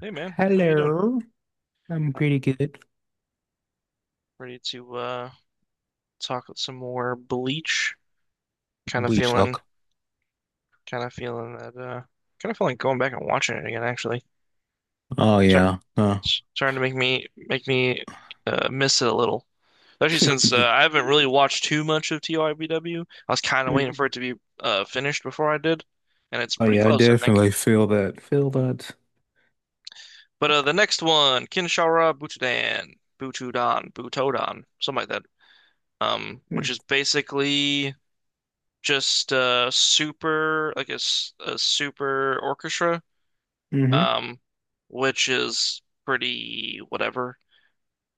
Hey man, how you doing? Hello, I'm Uh, pretty good. Ready to talk some more Bleach? Kind of We feeling, talk. kind of feeling that kind of feeling like going back and watching it again. Actually, Oh start yeah. Starting to make me make me miss it a little. Especially since yeah. I haven't really watched too much of TYBW. I was kind of waiting for Mhm. it to be finished before I did, and it's Oh pretty yeah, I close, I think. definitely feel that. Feel that. But The next one, Kinshara Butodan, Butudan, Butodan, something like that. Which is basically. Just super like a super orchestra, Mm-hmm. um which is pretty whatever.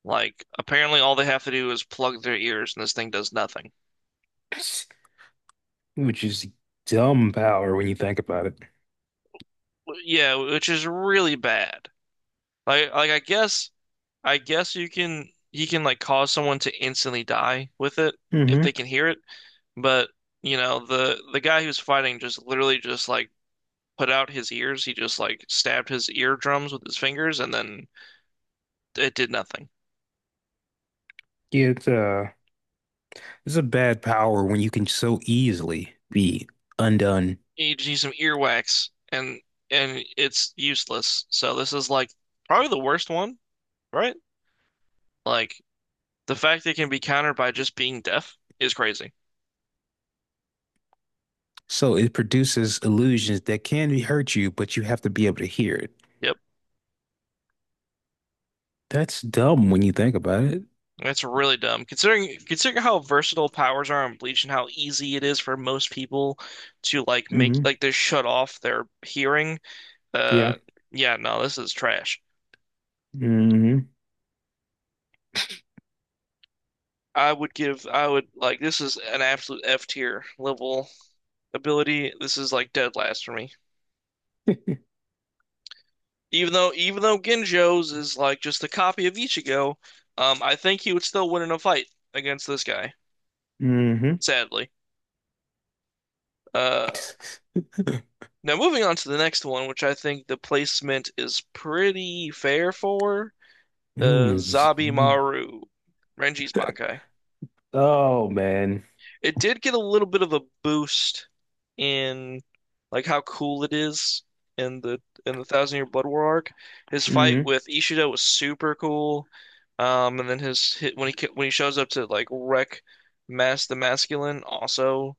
Like apparently all they have to do is plug their ears and this thing does nothing. Which is dumb power when you think about it. Yeah, which is really bad. Like, I guess you can like cause someone to instantly die with it if they Mm-hmm. can hear it, but you know the guy who's fighting just literally just like put out his ears, he just like stabbed his eardrums with his fingers and then it did nothing. Yeah, it's it's a bad power when you can so easily be undone. You just need some earwax and it's useless. So this is like probably the worst one, right? Like the fact that it can be countered by just being deaf is crazy. So it produces illusions that can hurt you, but you have to be able to hear it. Yep. That's dumb when you think about it. That's really dumb. Considering how versatile powers are on Bleach and how easy it is for most people to like make Mm-hmm. like they shut off their hearing. Yeah. Uh yeah, no, this is trash. Mm-hmm. I would like this is an absolute F tier level ability. This is like dead last for me. Even though Ginjo's is like just a copy of Ichigo, I think he would still win in a fight against this guy, Mm-hmm. sadly. Uh, Now moving on to the next one, which I think the placement is pretty fair for, Mm, it's- mm, Zabimaru, Renji's Bankai. Oh man. It did get a little bit of a boost in like how cool it is in the in the Thousand Year Blood War arc. His fight Hmm with Ishida was super cool. And then his hit when he shows up to like wreck Mass the Masculine, also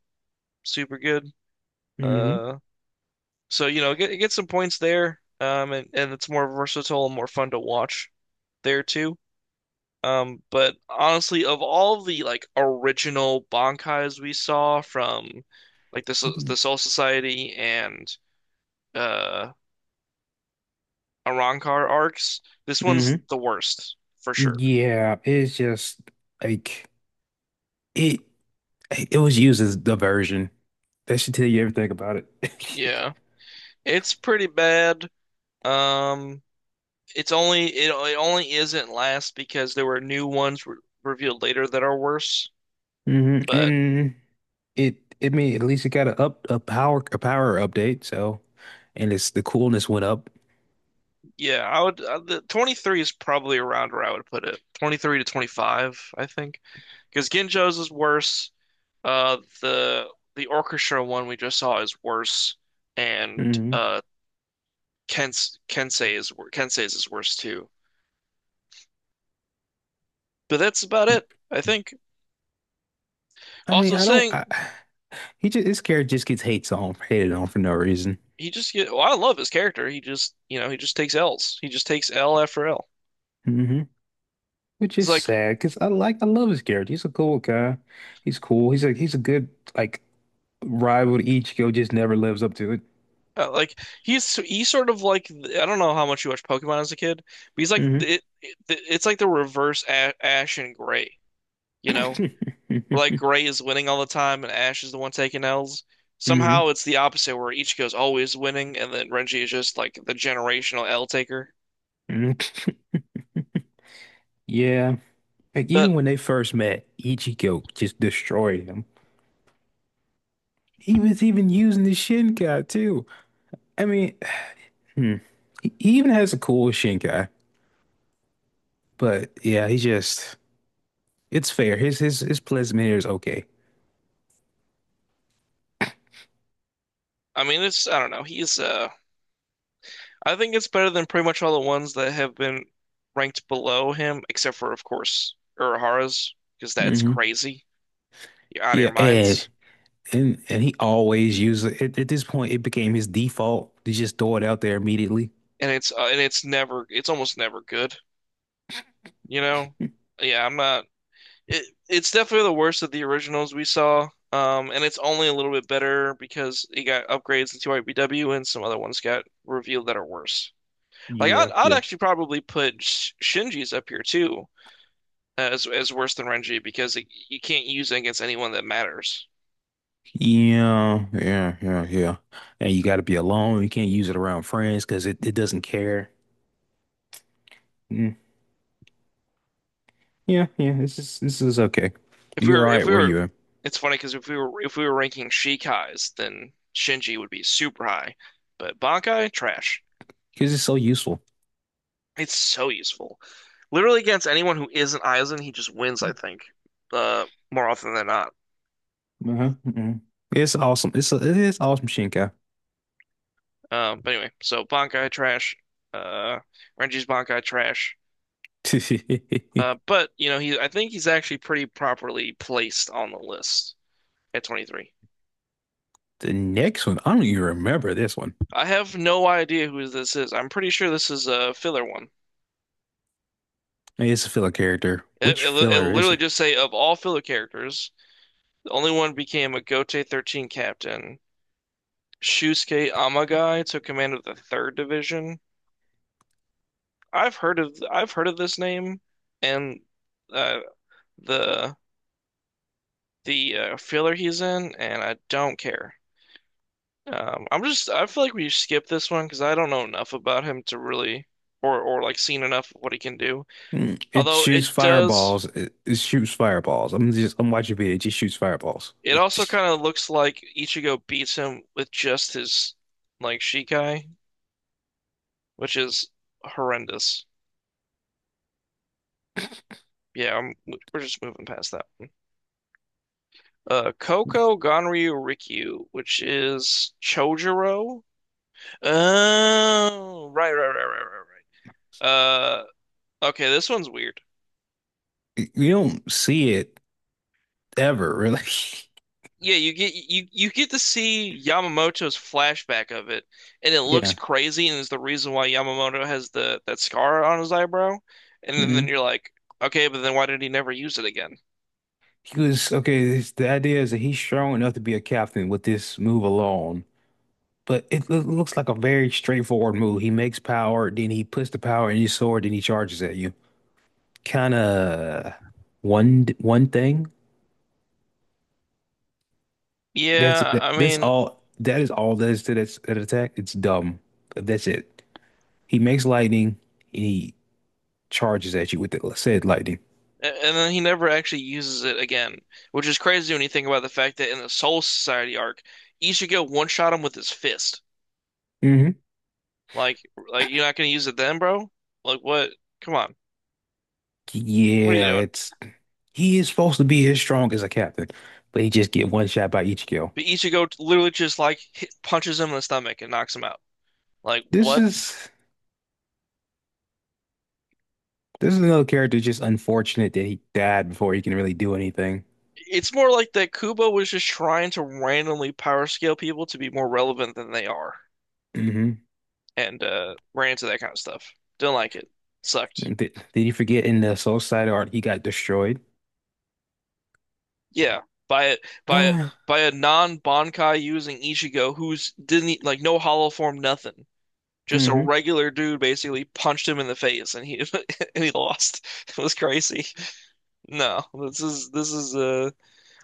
super good. hmm Uh, so you know, get some points there. And it's more versatile and more fun to watch there too. But honestly, of all the like original Bankais we saw from like mm. the Soul Society and uh Arrancar arcs, this one's hmm the worst for sure. Yeah, it's just like it it was used as diversion. That should tell you everything about it. Yeah, it's pretty bad. Um, it only isn't last because there were new ones re revealed later that are worse. hmm But And it I mean at least it got a power update, so and it's the coolness went up. yeah, I would the 23 is probably around where I would put it. 23 to 25, I think, because Ginjo's is worse. The orchestra one we just saw is worse, and Hmm uh, Kensei's is worse too. But that's about it, I think. I mean, Also, I don't saying I, he just this character just gets hates on hated on for no reason. Well, I love his character. He just, you know, he just takes L's. He just takes L after L. Mm-hmm. Which He's is like sad because I love his character. He's a cool guy. He's cool. He's a good like rival to Ichigo, just never lives up to it. uh, like he's sort of like, I don't know how much you watched Pokemon as a kid, but he's Hmm it's like the reverse Ash and Gray. You know, where like Gray is winning all the time and Ash is the one taking L's. hmm Somehow it's the opposite where Ichigo's always winning and then Renji is just like the generational L taker. hmm Yeah. Like But even when they first met, Ichigo just destroyed him. He was even using the Shinkai too. I mean, hmm. He even has a cool Shinkai, but yeah, he just it's fair. His placement here is okay. I mean it's, I don't know. He's I think it's better than pretty much all the ones that have been ranked below him, except for of course Urahara's, because that's hmm crazy. You're out of your Yeah, and minds. and he always used it. At this point, it became his default to just throw it out there immediately. And it's never, it's almost never good, you know? Yeah, I'm not It it's definitely the worst of the originals we saw. And it's only a little bit better because it got upgrades into IBW and some other ones got revealed that are worse. Like I'd Yeah, I'd yeah. actually probably put Shinji's up here too as worse than Renji because you can't use it against anyone that matters. Yeah, yeah, yeah, yeah. And you got to be alone. You can't use it around friends because it doesn't care. Mm. Yeah, yeah. This is okay. You're all If right we where were, you are It's funny because if we were ranking Shikai's, then Shinji would be super high, but Bankai trash. because it's so useful. It's so useful. Literally against anyone who isn't Aizen, he just wins, I think, more often than not. Uh-huh. uh-uh. It's awesome. It is awesome, Shinkai. But Anyway, so Bankai trash, uh, Renji's Bankai trash. Uh, but you know, he I think he's actually pretty properly placed on the list at 23. The next one, I don't even remember this one. I have no idea who this is. I'm pretty sure this is a filler one. It's a filler character. It, Which it, it filler is literally it? just say of all filler characters, the only one became a Gote 13 captain. Shusuke Amagai took command of the third division. I've heard of this name and uh, the filler he's in, and I don't care. I'm just, I feel like we skip this one because I don't know enough about him to really or like seen enough of what he can do. Mm, it Although it shoots does, fireballs. It shoots fireballs. I'm watching video. It just shoots fireballs. it It also just kind of looks like Ichigo beats him with just his like Shikai, which is horrendous. Yeah, I'm, we're just moving past that one. Yeah. Koko Ganryu Rikyu, which is Chojuro. Oh, right, right, right, right, right, right. Okay, this one's weird. It- you don't see it ever really. Yeah, you get you you get to see Yamamoto's flashback of it, and it looks Yeah. crazy, and is the reason why Yamamoto has the that scar on his eyebrow. Then hmm you're like, okay, but then why did he never use it again? He was okay. This, the idea is that he's strong enough to be a captain with this move alone. But it loo- looks like a very straightforward move. He makes power, then he puts the power in his sword, then he charges at you. Kind of one thing. Yeah, I That's mean, all. That is all that is to that attack. It's dumb. That's it. He makes lightning and he charges at you with the said lightning. and then he never actually uses it again, which is crazy when you think about the fact that in the Soul Society arc, Ichigo one-shot him with his fist. Hmm Like, like, you're not gonna use it then, bro? Like, what? Come on, what are you Yeah, doing? it's he is supposed to be as strong as a captain, but he just get one shot by each kill. But Ichigo t- literally just like hit, punches him in the stomach and knocks him out. Like, This what? is another character just unfortunate that he died before he can really do anything. It's more like that Kubo was just trying to randomly power scale people to be more relevant than they are, Hmm and ran into that kind of stuff. Didn't like it. Sucked. Did you forget in the Soul Side art he got destroyed? Yeah, by a by a Uh, by a non-Bankai using Ichigo, who's didn't e- like no hollow form, nothing. Just a hmm regular dude basically punched him in the face and he and he lost. It was crazy. No, this is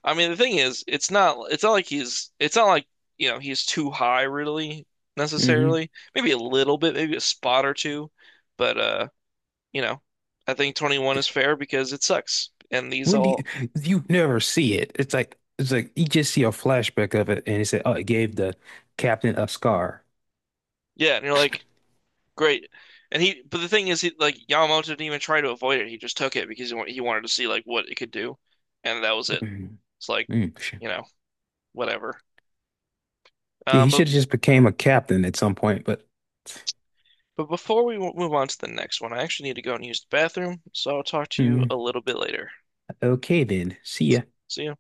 I mean the thing is it's not like he's it's not like, you know, he's too high really hmm necessarily. Maybe a little bit, maybe a spot or two, but you know, I think 21 is fair because it sucks. And these When do you, all you never see it? It's like you just see a flashback of it, and it said, "Oh, it gave the captain a scar." Yeah, and you're like great. And he But the thing is, he like Yamamoto didn't even try to avoid it. He just took it because he wanted to see like what it could do, and that was it. Mm, It's like, mm. you know, whatever. Yeah, Um, he but should have just became a captain at some point, but but before move on to the next one, I actually need to go and use the bathroom, so I'll talk to you mm, a little bit later. okay then. See ya. See you.